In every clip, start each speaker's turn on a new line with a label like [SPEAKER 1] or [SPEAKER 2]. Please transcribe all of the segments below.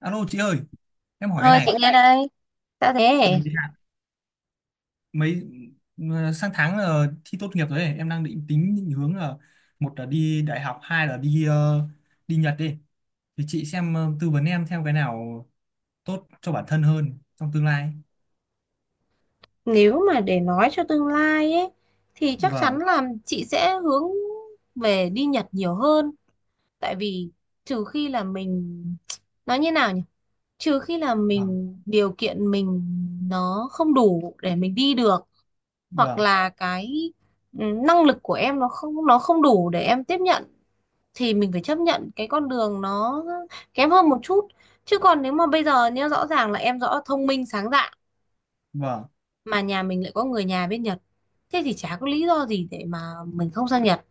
[SPEAKER 1] Alo chị ơi, em hỏi cái
[SPEAKER 2] Ờ, chị
[SPEAKER 1] này.
[SPEAKER 2] nghe đây, đã
[SPEAKER 1] Ừ,
[SPEAKER 2] thế
[SPEAKER 1] dạ, Mấy ừ, sang tháng là thi tốt nghiệp rồi ấy. Em đang định tính định hướng là một là đi đại học, hai là đi Nhật đi. Thì chị xem tư vấn em theo cái nào tốt cho bản thân hơn trong tương lai.
[SPEAKER 2] nếu mà để nói cho tương lai ấy thì chắc chắn
[SPEAKER 1] Vâng,
[SPEAKER 2] là chị sẽ hướng về đi Nhật nhiều hơn. Tại vì trừ khi là mình nói như nào nhỉ? Trừ khi là
[SPEAKER 1] vâng,
[SPEAKER 2] mình điều kiện mình nó không đủ để mình đi được, hoặc
[SPEAKER 1] vâng,
[SPEAKER 2] là cái năng lực của em nó không đủ để em tiếp nhận thì mình phải chấp nhận cái con đường nó kém hơn một chút. Chứ còn nếu mà bây giờ nhá, rõ ràng là em rõ thông minh sáng dạ
[SPEAKER 1] vâng,
[SPEAKER 2] mà nhà mình lại có người nhà bên Nhật, thế thì chả có lý do gì để mà mình không sang Nhật,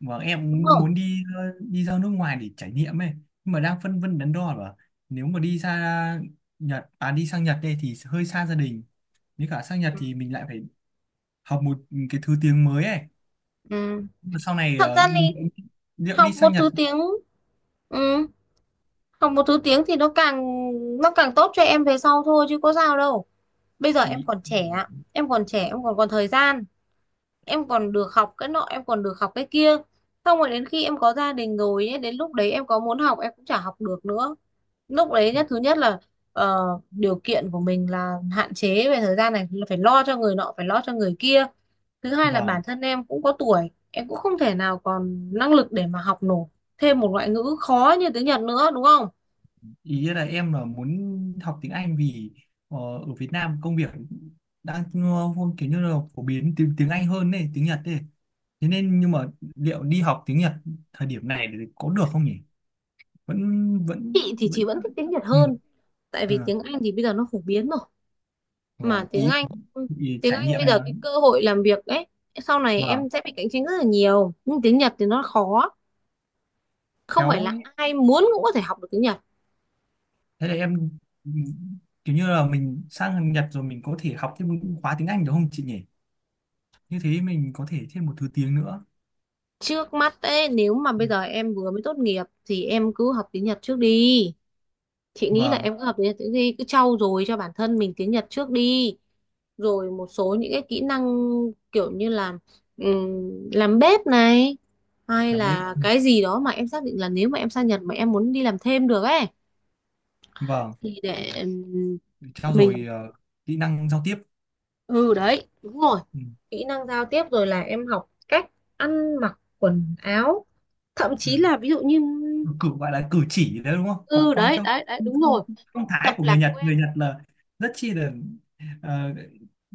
[SPEAKER 1] vâng.
[SPEAKER 2] đúng
[SPEAKER 1] Em
[SPEAKER 2] không?
[SPEAKER 1] muốn đi ra nước ngoài để trải nghiệm ấy, nhưng mà đang phân vân đắn đo là nếu mà đi ra Nhật, à đi sang Nhật đây thì hơi xa gia đình. Nếu cả sang Nhật
[SPEAKER 2] Ừ.
[SPEAKER 1] thì mình lại phải học một cái thứ tiếng mới ấy.
[SPEAKER 2] Ừ.
[SPEAKER 1] Mà sau này
[SPEAKER 2] Thật ra thì
[SPEAKER 1] liệu đi
[SPEAKER 2] học một
[SPEAKER 1] sang Nhật,
[SPEAKER 2] thứ tiếng. Ừ. Học một thứ tiếng thì nó càng tốt cho em về sau thôi chứ có sao đâu. Bây giờ em
[SPEAKER 1] ý
[SPEAKER 2] còn trẻ, em còn trẻ em còn còn thời gian, em còn được học cái nọ, em còn được học cái kia. Xong rồi đến khi em có gia đình rồi ấy, đến lúc đấy em có muốn học em cũng chả học được nữa. Lúc đấy thứ nhất là điều kiện của mình là hạn chế về thời gian này, là phải lo cho người nọ, phải lo cho người kia. Thứ hai là bản
[SPEAKER 1] vâng,
[SPEAKER 2] thân em cũng có tuổi, em cũng không thể nào còn năng lực để mà học nổi thêm một ngoại ngữ khó như tiếng Nhật nữa, đúng không?
[SPEAKER 1] ý là em là muốn học tiếng Anh vì ở Việt Nam công việc đang kiểu như là phổ biến tiếng tiếng Anh hơn này tiếng Nhật ấy, thế nên nhưng mà liệu đi học tiếng Nhật thời điểm này thì có được không nhỉ, vẫn vẫn
[SPEAKER 2] Chị thì chị
[SPEAKER 1] vẫn
[SPEAKER 2] vẫn thích tiếng Nhật
[SPEAKER 1] ừ,
[SPEAKER 2] hơn. Tại vì
[SPEAKER 1] à,
[SPEAKER 2] tiếng Anh thì bây giờ nó phổ biến rồi,
[SPEAKER 1] vâng,
[SPEAKER 2] mà tiếng Anh tiếng
[SPEAKER 1] trải
[SPEAKER 2] Anh bây
[SPEAKER 1] nghiệm mà.
[SPEAKER 2] giờ cái cơ hội làm việc ấy, sau này em
[SPEAKER 1] Vâng,
[SPEAKER 2] sẽ bị cạnh tranh rất là nhiều. Nhưng tiếng Nhật thì nó khó, không phải
[SPEAKER 1] kéo
[SPEAKER 2] là ai muốn cũng có thể học được tiếng Nhật.
[SPEAKER 1] thế là em kiểu như là mình sang Nhật rồi mình có thể học thêm những khóa tiếng Anh được không chị nhỉ, như thế mình có thể thêm một thứ tiếng nữa.
[SPEAKER 2] Trước mắt ấy, nếu mà bây giờ em vừa mới tốt nghiệp thì em cứ học tiếng Nhật trước đi. Chị nghĩ là
[SPEAKER 1] Vâng,
[SPEAKER 2] em cứ học tiếng Nhật trước đi, cứ trau dồi cho bản thân mình tiếng Nhật trước đi. Rồi một số những cái kỹ năng, kiểu như là làm bếp này, hay
[SPEAKER 1] làm bếp.
[SPEAKER 2] là
[SPEAKER 1] Ừ,
[SPEAKER 2] cái gì đó mà em xác định là nếu mà em sang Nhật mà em muốn đi làm thêm được ấy,
[SPEAKER 1] vâng,
[SPEAKER 2] thì để
[SPEAKER 1] để trau dồi
[SPEAKER 2] mình.
[SPEAKER 1] kỹ năng giao tiếp.
[SPEAKER 2] Ừ đấy, đúng rồi.
[SPEAKER 1] Ừ.
[SPEAKER 2] Kỹ năng giao tiếp, rồi là em học cách ăn mặc quần áo, thậm
[SPEAKER 1] Ừ,
[SPEAKER 2] chí là ví dụ như.
[SPEAKER 1] gọi là cử chỉ đấy đúng không, học
[SPEAKER 2] Ừ đấy, đấy, đấy, đúng
[SPEAKER 1] phong,
[SPEAKER 2] rồi.
[SPEAKER 1] phong thái
[SPEAKER 2] Tập
[SPEAKER 1] của người
[SPEAKER 2] làm
[SPEAKER 1] Nhật,
[SPEAKER 2] quen.
[SPEAKER 1] người Nhật là rất chi là ờ,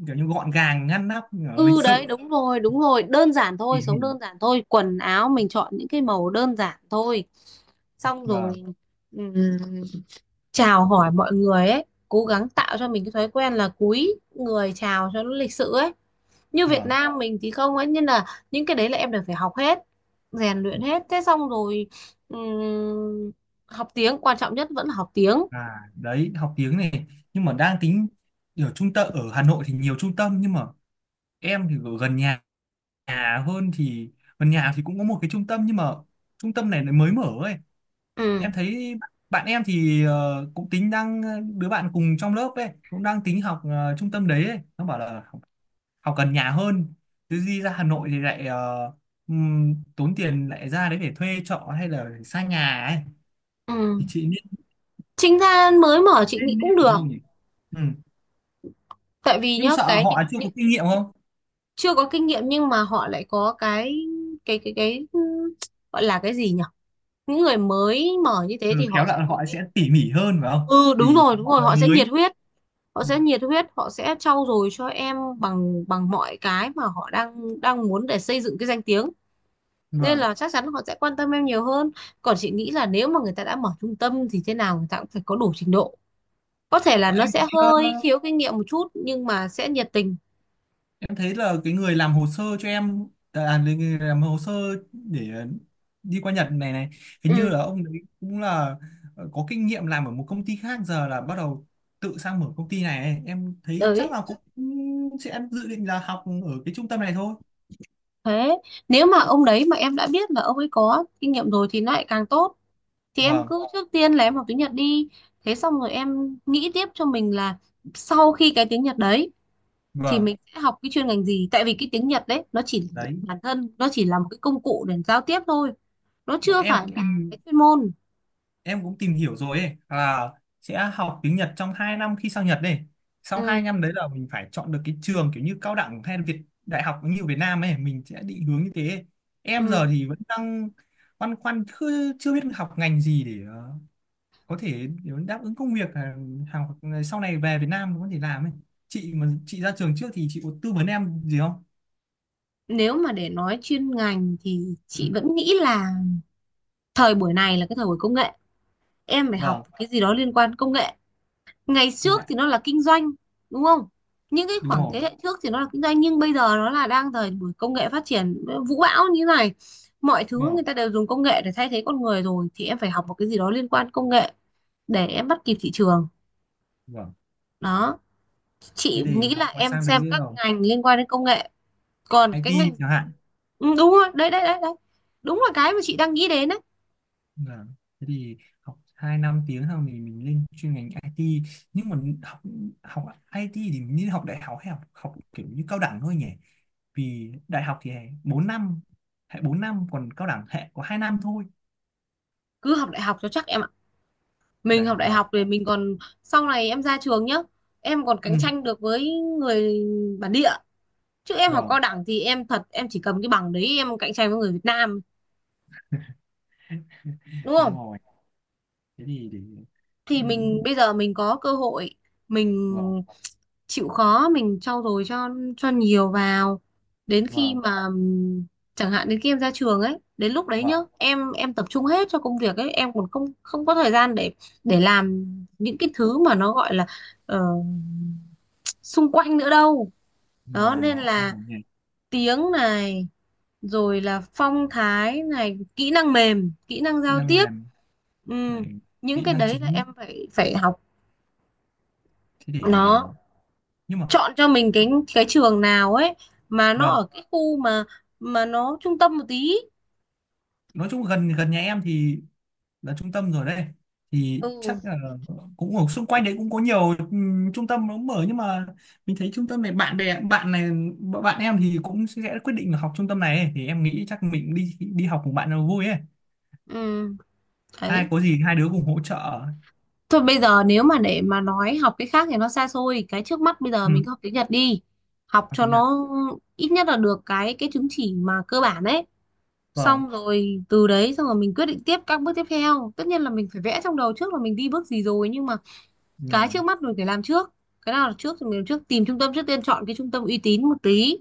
[SPEAKER 1] kiểu như gọn gàng ngăn nắp, lịch
[SPEAKER 2] Ừ đấy,
[SPEAKER 1] sự,
[SPEAKER 2] đúng rồi, đúng rồi. Đơn giản thôi,
[SPEAKER 1] tỉ mỉ.
[SPEAKER 2] sống đơn giản thôi, quần áo mình chọn những cái màu đơn giản thôi. Xong rồi
[SPEAKER 1] Vâng,
[SPEAKER 2] ừm, chào hỏi mọi người ấy, cố gắng tạo cho mình cái thói quen là cúi người chào cho nó lịch sự ấy. Như Việt
[SPEAKER 1] vâng.
[SPEAKER 2] Nam mình thì không ấy, nên là những cái đấy là em đều phải học hết, rèn luyện hết. Thế xong rồi ừm, học tiếng, quan trọng nhất vẫn là học tiếng.
[SPEAKER 1] À đấy, học tiếng này nhưng mà đang tính ở trung tâm ở Hà Nội thì nhiều trung tâm nhưng mà em thì ở gần nhà, nhà hơn thì gần nhà thì cũng có một cái trung tâm nhưng mà trung tâm này nó mới mở ấy.
[SPEAKER 2] Ừ.
[SPEAKER 1] Em thấy bạn em thì cũng tính đứa bạn cùng trong lớp ấy cũng đang tính học trung tâm đấy ấy. Nó bảo là học gần nhà hơn chứ đi ra Hà Nội thì lại tốn tiền lại ra đấy để thuê trọ hay là xa nhà ấy,
[SPEAKER 2] Ừ.
[SPEAKER 1] thì chị nên
[SPEAKER 2] Trinh Than mới mở chị nghĩ
[SPEAKER 1] nên, nên
[SPEAKER 2] cũng
[SPEAKER 1] học
[SPEAKER 2] được.
[SPEAKER 1] đâu nhỉ. Ừ,
[SPEAKER 2] Tại vì
[SPEAKER 1] nhưng
[SPEAKER 2] nhá,
[SPEAKER 1] sợ
[SPEAKER 2] cái những,
[SPEAKER 1] họ chưa có
[SPEAKER 2] những
[SPEAKER 1] kinh nghiệm không.
[SPEAKER 2] chưa có kinh nghiệm, nhưng mà họ lại có cái gọi là cái gì nhỉ, những người mới mở như thế
[SPEAKER 1] Ừ,
[SPEAKER 2] thì
[SPEAKER 1] khéo
[SPEAKER 2] họ sẽ
[SPEAKER 1] là
[SPEAKER 2] có
[SPEAKER 1] họ
[SPEAKER 2] cái.
[SPEAKER 1] sẽ tỉ mỉ hơn phải không
[SPEAKER 2] Ừ, đúng
[SPEAKER 1] vì
[SPEAKER 2] rồi, đúng
[SPEAKER 1] họ
[SPEAKER 2] rồi.
[SPEAKER 1] là
[SPEAKER 2] họ sẽ
[SPEAKER 1] mới.
[SPEAKER 2] nhiệt huyết họ
[SPEAKER 1] Ừ,
[SPEAKER 2] sẽ nhiệt huyết, họ sẽ trau dồi cho em bằng bằng mọi cái mà họ đang đang muốn để xây dựng cái danh tiếng, nên
[SPEAKER 1] vâng.
[SPEAKER 2] là chắc chắn họ sẽ quan tâm em nhiều hơn. Còn chị nghĩ là nếu mà người ta đã mở trung tâm thì thế nào người ta cũng phải có đủ trình độ, có thể là
[SPEAKER 1] Ờ,
[SPEAKER 2] nó
[SPEAKER 1] Em thấy,
[SPEAKER 2] sẽ hơi
[SPEAKER 1] ờ,
[SPEAKER 2] thiếu kinh nghiệm một chút nhưng mà sẽ nhiệt tình.
[SPEAKER 1] em thấy là cái người làm hồ sơ cho em à, là người người làm hồ sơ để đi qua Nhật này này, hình như
[SPEAKER 2] Ừ
[SPEAKER 1] là ông đấy cũng là có kinh nghiệm làm ở một công ty khác giờ là bắt đầu tự sang mở công ty này ấy. Em thấy chắc
[SPEAKER 2] đấy,
[SPEAKER 1] là cũng sẽ dự định là học ở cái trung tâm này thôi.
[SPEAKER 2] thế nếu mà ông đấy mà em đã biết là ông ấy có kinh nghiệm rồi thì nó lại càng tốt. Thì em
[SPEAKER 1] Vâng,
[SPEAKER 2] cứ trước tiên là em học tiếng Nhật đi. Thế xong rồi em nghĩ tiếp cho mình là sau khi cái tiếng Nhật đấy thì
[SPEAKER 1] vâng,
[SPEAKER 2] mình sẽ học cái chuyên ngành gì. Tại vì cái tiếng Nhật đấy nó chỉ,
[SPEAKER 1] đấy.
[SPEAKER 2] bản thân nó chỉ là một cái công cụ để giao tiếp thôi, nó
[SPEAKER 1] Bọn
[SPEAKER 2] chưa phải là cái chuyên môn.
[SPEAKER 1] em cũng tìm hiểu rồi ấy là sẽ học tiếng Nhật trong 2 năm khi sang Nhật đây, sau 2
[SPEAKER 2] Ừ,
[SPEAKER 1] năm đấy là mình phải chọn được cái trường kiểu như cao đẳng hay là Việt đại học như ở Việt Nam ấy, mình sẽ định hướng như thế. Em giờ
[SPEAKER 2] ừ.
[SPEAKER 1] thì vẫn đang băn khoăn chưa, chưa biết học ngành gì để có thể để đáp ứng công việc ờ, hàng sau này về Việt Nam có thể làm ấy, chị mà chị ra trường trước thì chị có tư vấn em gì không.
[SPEAKER 2] Nếu mà để nói chuyên ngành thì
[SPEAKER 1] Ừ,
[SPEAKER 2] chị vẫn nghĩ là thời buổi này là cái thời buổi công nghệ, em phải học
[SPEAKER 1] vâng,
[SPEAKER 2] cái gì đó liên quan công nghệ. Ngày
[SPEAKER 1] công
[SPEAKER 2] trước
[SPEAKER 1] nghệ,
[SPEAKER 2] thì nó là kinh doanh, đúng không, những cái
[SPEAKER 1] đúng
[SPEAKER 2] khoảng thế
[SPEAKER 1] rồi,
[SPEAKER 2] hệ trước thì nó là kinh doanh. Nhưng bây giờ nó là đang thời buổi công nghệ phát triển vũ bão như này, mọi thứ
[SPEAKER 1] vâng,
[SPEAKER 2] người ta đều dùng công nghệ để thay thế con người rồi, thì em phải học một cái gì đó liên quan công nghệ để em bắt kịp thị trường.
[SPEAKER 1] vâng.
[SPEAKER 2] Đó,
[SPEAKER 1] Thế
[SPEAKER 2] chị
[SPEAKER 1] thì
[SPEAKER 2] nghĩ là
[SPEAKER 1] học qua
[SPEAKER 2] em
[SPEAKER 1] sang
[SPEAKER 2] xem
[SPEAKER 1] đấy
[SPEAKER 2] các
[SPEAKER 1] rồi
[SPEAKER 2] ngành liên quan đến công nghệ, còn cái
[SPEAKER 1] IT
[SPEAKER 2] ngành.
[SPEAKER 1] chẳng hạn.
[SPEAKER 2] Ừ, đúng rồi, đấy, đấy, đấy, đấy, đúng là cái mà chị đang nghĩ đến đấy.
[SPEAKER 1] Vâng. Thế thì học 2 năm tiếng xong thì mình lên chuyên ngành IT, nhưng mà học học IT thì mình nên học đại học hay học học kiểu như cao đẳng thôi nhỉ, vì đại học thì 4 năm, hệ 4 năm còn cao đẳng hệ có 2 năm thôi.
[SPEAKER 2] Cứ học đại học cho chắc em ạ. Mình
[SPEAKER 1] Đại
[SPEAKER 2] học
[SPEAKER 1] học
[SPEAKER 2] đại
[SPEAKER 1] vâng.
[SPEAKER 2] học thì mình còn, sau này em ra trường nhá, em còn
[SPEAKER 1] Ừ,
[SPEAKER 2] cạnh tranh được với người bản địa. Chứ em học
[SPEAKER 1] vâng.
[SPEAKER 2] cao đẳng thì em thật em chỉ cầm cái bằng đấy em cạnh tranh với người Việt Nam, đúng
[SPEAKER 1] Đúng
[SPEAKER 2] không?
[SPEAKER 1] rồi, thế thì để, ừ,
[SPEAKER 2] Thì mình bây giờ mình có cơ hội, mình
[SPEAKER 1] vâng,
[SPEAKER 2] chịu khó mình trau dồi cho nhiều vào, đến khi
[SPEAKER 1] vâng,
[SPEAKER 2] mà chẳng hạn đến khi em ra trường ấy, đến lúc đấy nhá,
[SPEAKER 1] vâng.
[SPEAKER 2] em tập trung hết cho công việc ấy, em còn không không có thời gian để làm những cái thứ mà nó gọi là ờ, xung quanh nữa đâu.
[SPEAKER 1] Đúng
[SPEAKER 2] Đó
[SPEAKER 1] rồi
[SPEAKER 2] nên
[SPEAKER 1] đúng
[SPEAKER 2] là
[SPEAKER 1] rồi nhỉ.
[SPEAKER 2] tiếng này, rồi là phong thái này, kỹ năng mềm, kỹ năng
[SPEAKER 1] Kỹ
[SPEAKER 2] giao
[SPEAKER 1] năng
[SPEAKER 2] tiếp.
[SPEAKER 1] mềm
[SPEAKER 2] Ừ.
[SPEAKER 1] này,
[SPEAKER 2] Những
[SPEAKER 1] kỹ
[SPEAKER 2] cái
[SPEAKER 1] năng
[SPEAKER 2] đấy là
[SPEAKER 1] chính,
[SPEAKER 2] em phải phải học,
[SPEAKER 1] thế để
[SPEAKER 2] nó
[SPEAKER 1] nhưng mà
[SPEAKER 2] chọn cho mình cái trường nào ấy, mà nó
[SPEAKER 1] vâng.
[SPEAKER 2] ở cái khu mà nó trung tâm một tí.
[SPEAKER 1] Nói chung gần gần nhà em thì là trung tâm rồi đấy, thì
[SPEAKER 2] Ừ.
[SPEAKER 1] chắc là cũng ở xung quanh đấy cũng có nhiều trung tâm nó mở nhưng mà mình thấy trung tâm này bạn bè bạn này, bạn em thì cũng sẽ quyết định là học trung tâm này ấy, thì em nghĩ chắc mình đi đi học cùng bạn nó vui ấy,
[SPEAKER 2] Ừ
[SPEAKER 1] hai
[SPEAKER 2] đấy,
[SPEAKER 1] có gì hai đứa cùng hỗ trợ.
[SPEAKER 2] thôi bây giờ nếu mà để mà nói học cái khác thì nó xa xôi, cái trước mắt bây giờ
[SPEAKER 1] Ừ,
[SPEAKER 2] mình cứ học tiếng Nhật đi. Học
[SPEAKER 1] học
[SPEAKER 2] cho
[SPEAKER 1] tiếng Nhật.
[SPEAKER 2] nó ít nhất là được cái chứng chỉ mà cơ bản ấy,
[SPEAKER 1] Vâng,
[SPEAKER 2] xong rồi từ đấy xong rồi mình quyết định tiếp các bước tiếp theo. Tất nhiên là mình phải vẽ trong đầu trước là mình đi bước gì rồi, nhưng mà
[SPEAKER 1] đúng
[SPEAKER 2] cái
[SPEAKER 1] rồi.
[SPEAKER 2] trước mắt mình phải làm trước, cái nào là trước thì mình làm trước. Tìm trung tâm trước tiên, chọn cái trung tâm uy tín một tí,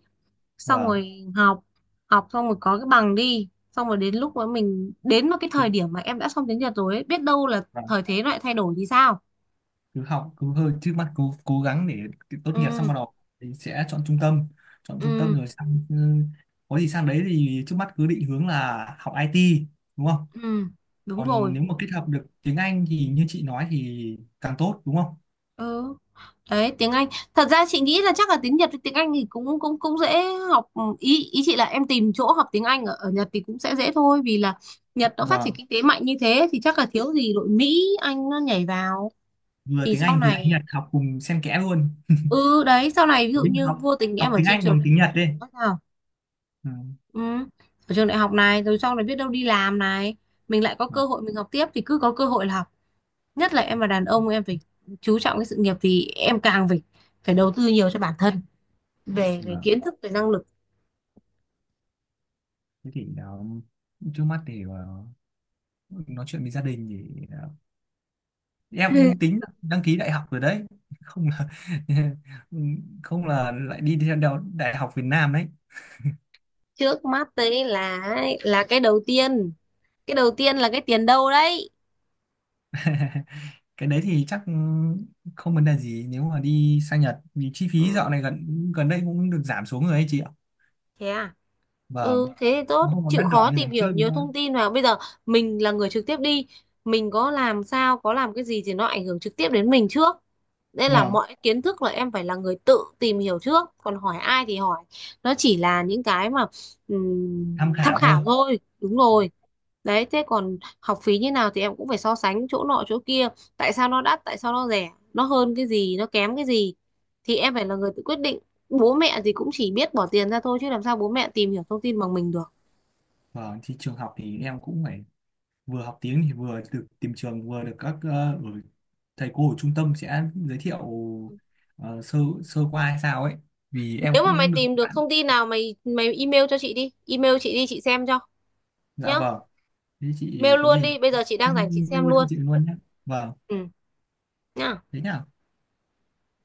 [SPEAKER 2] xong
[SPEAKER 1] Vâng,
[SPEAKER 2] rồi học học xong rồi có cái bằng đi, xong rồi đến lúc mà mình đến một cái
[SPEAKER 1] cứ-
[SPEAKER 2] thời điểm mà em đã xong tiếng Nhật rồi ấy, biết đâu là
[SPEAKER 1] vâng,
[SPEAKER 2] thời thế lại thay đổi thì sao.
[SPEAKER 1] cứ học cứ hơi trước mắt cố cố gắng để tốt nghiệp xong
[SPEAKER 2] Ừ.
[SPEAKER 1] bắt đầu thì sẽ chọn trung tâm, chọn trung tâm
[SPEAKER 2] Ừ.
[SPEAKER 1] rồi sang, ừ, có gì sang đấy thì trước mắt cứ định hướng là học IT, đúng không,
[SPEAKER 2] Ừ, đúng
[SPEAKER 1] còn
[SPEAKER 2] rồi.
[SPEAKER 1] nếu mà kết hợp được tiếng Anh thì như chị nói thì càng tốt đúng không.
[SPEAKER 2] Ừ. Đấy, tiếng Anh. Thật ra chị nghĩ là chắc là tiếng Nhật với tiếng Anh thì cũng cũng cũng dễ học. Ừ, Ý ý chị là em tìm chỗ học tiếng Anh ở Nhật thì cũng sẽ dễ thôi, vì là Nhật nó phát
[SPEAKER 1] Và
[SPEAKER 2] triển kinh tế mạnh như thế thì chắc là thiếu gì đội Mỹ Anh nó nhảy vào.
[SPEAKER 1] vừa
[SPEAKER 2] Thì
[SPEAKER 1] tiếng
[SPEAKER 2] sau
[SPEAKER 1] Anh vừa tiếng
[SPEAKER 2] này.
[SPEAKER 1] Nhật học cùng xen kẽ luôn,
[SPEAKER 2] Ừ đấy, sau này ví dụ
[SPEAKER 1] nhưng
[SPEAKER 2] như
[SPEAKER 1] học
[SPEAKER 2] vô tình em
[SPEAKER 1] học
[SPEAKER 2] ở
[SPEAKER 1] tiếng
[SPEAKER 2] trên
[SPEAKER 1] Anh
[SPEAKER 2] trường
[SPEAKER 1] bằng
[SPEAKER 2] đại
[SPEAKER 1] tiếng Nhật đi.
[SPEAKER 2] học sao,
[SPEAKER 1] Ừ,
[SPEAKER 2] ừ, ở trường đại học này rồi sau này biết đâu đi làm này, mình lại có
[SPEAKER 1] vâng,
[SPEAKER 2] cơ hội mình học tiếp thì cứ có cơ hội là học. Nhất là em là đàn ông, em phải chú trọng cái sự nghiệp thì em càng phải phải đầu tư nhiều cho bản thân, về cái
[SPEAKER 1] vâng.
[SPEAKER 2] kiến thức, về năng lực.
[SPEAKER 1] Thế thì đó, trước mắt thì ờ, nói chuyện với gia đình thì em cũng tính là đăng ký đại học rồi đấy, không là không là lại đi theo đại học Việt Nam đấy.
[SPEAKER 2] Trước mắt đấy là cái đầu tiên, cái đầu tiên là cái tiền đâu đấy.
[SPEAKER 1] Cái đấy thì chắc không vấn đề gì nếu mà đi sang Nhật vì chi phí dạo
[SPEAKER 2] Ừ.
[SPEAKER 1] này gần gần đây cũng được giảm xuống rồi ấy chị.
[SPEAKER 2] Thế à.
[SPEAKER 1] Vâng,
[SPEAKER 2] Ừ, thế thì
[SPEAKER 1] nó
[SPEAKER 2] tốt,
[SPEAKER 1] không còn
[SPEAKER 2] chịu
[SPEAKER 1] đắt đỏ
[SPEAKER 2] khó
[SPEAKER 1] như ngày
[SPEAKER 2] tìm hiểu
[SPEAKER 1] trước
[SPEAKER 2] nhiều
[SPEAKER 1] nữa.
[SPEAKER 2] thông tin vào. Bây giờ mình là người trực tiếp đi, mình có làm sao, có làm cái gì thì nó ảnh hưởng trực tiếp đến mình trước. Nên là
[SPEAKER 1] Vâng,
[SPEAKER 2] mọi kiến thức là em phải là người tự tìm hiểu trước, còn hỏi ai thì hỏi. Nó chỉ là những cái mà
[SPEAKER 1] tham
[SPEAKER 2] tham
[SPEAKER 1] khảo thôi.
[SPEAKER 2] khảo thôi, đúng
[SPEAKER 1] Vâng.
[SPEAKER 2] rồi. Đấy, thế còn học phí như nào thì em cũng phải so sánh chỗ nọ chỗ kia, tại sao nó đắt, tại sao nó rẻ, nó hơn cái gì, nó kém cái gì thì em phải là người tự quyết định. Bố mẹ thì cũng chỉ biết bỏ tiền ra thôi chứ làm sao bố mẹ tìm hiểu thông tin bằng mình được.
[SPEAKER 1] Vâng, thì trường học thì em cũng phải vừa học tiếng thì vừa được tìm trường vừa được các ở thầy cô ở trung tâm sẽ giới thiệu sơ sơ qua hay sao ấy vì em
[SPEAKER 2] Nếu mà mày
[SPEAKER 1] cũng được
[SPEAKER 2] tìm được
[SPEAKER 1] bạn.
[SPEAKER 2] thông tin nào mày mày email cho chị đi, email chị đi chị xem cho
[SPEAKER 1] Dạ
[SPEAKER 2] nhá.
[SPEAKER 1] vâng, thế chị
[SPEAKER 2] Mail
[SPEAKER 1] có
[SPEAKER 2] luôn
[SPEAKER 1] gì
[SPEAKER 2] đi, bây giờ chị đang rảnh chị
[SPEAKER 1] em
[SPEAKER 2] xem
[SPEAKER 1] mail cho
[SPEAKER 2] luôn.
[SPEAKER 1] chị luôn nhé. Vâng,
[SPEAKER 2] Ừ. Nhá.
[SPEAKER 1] thế nhá.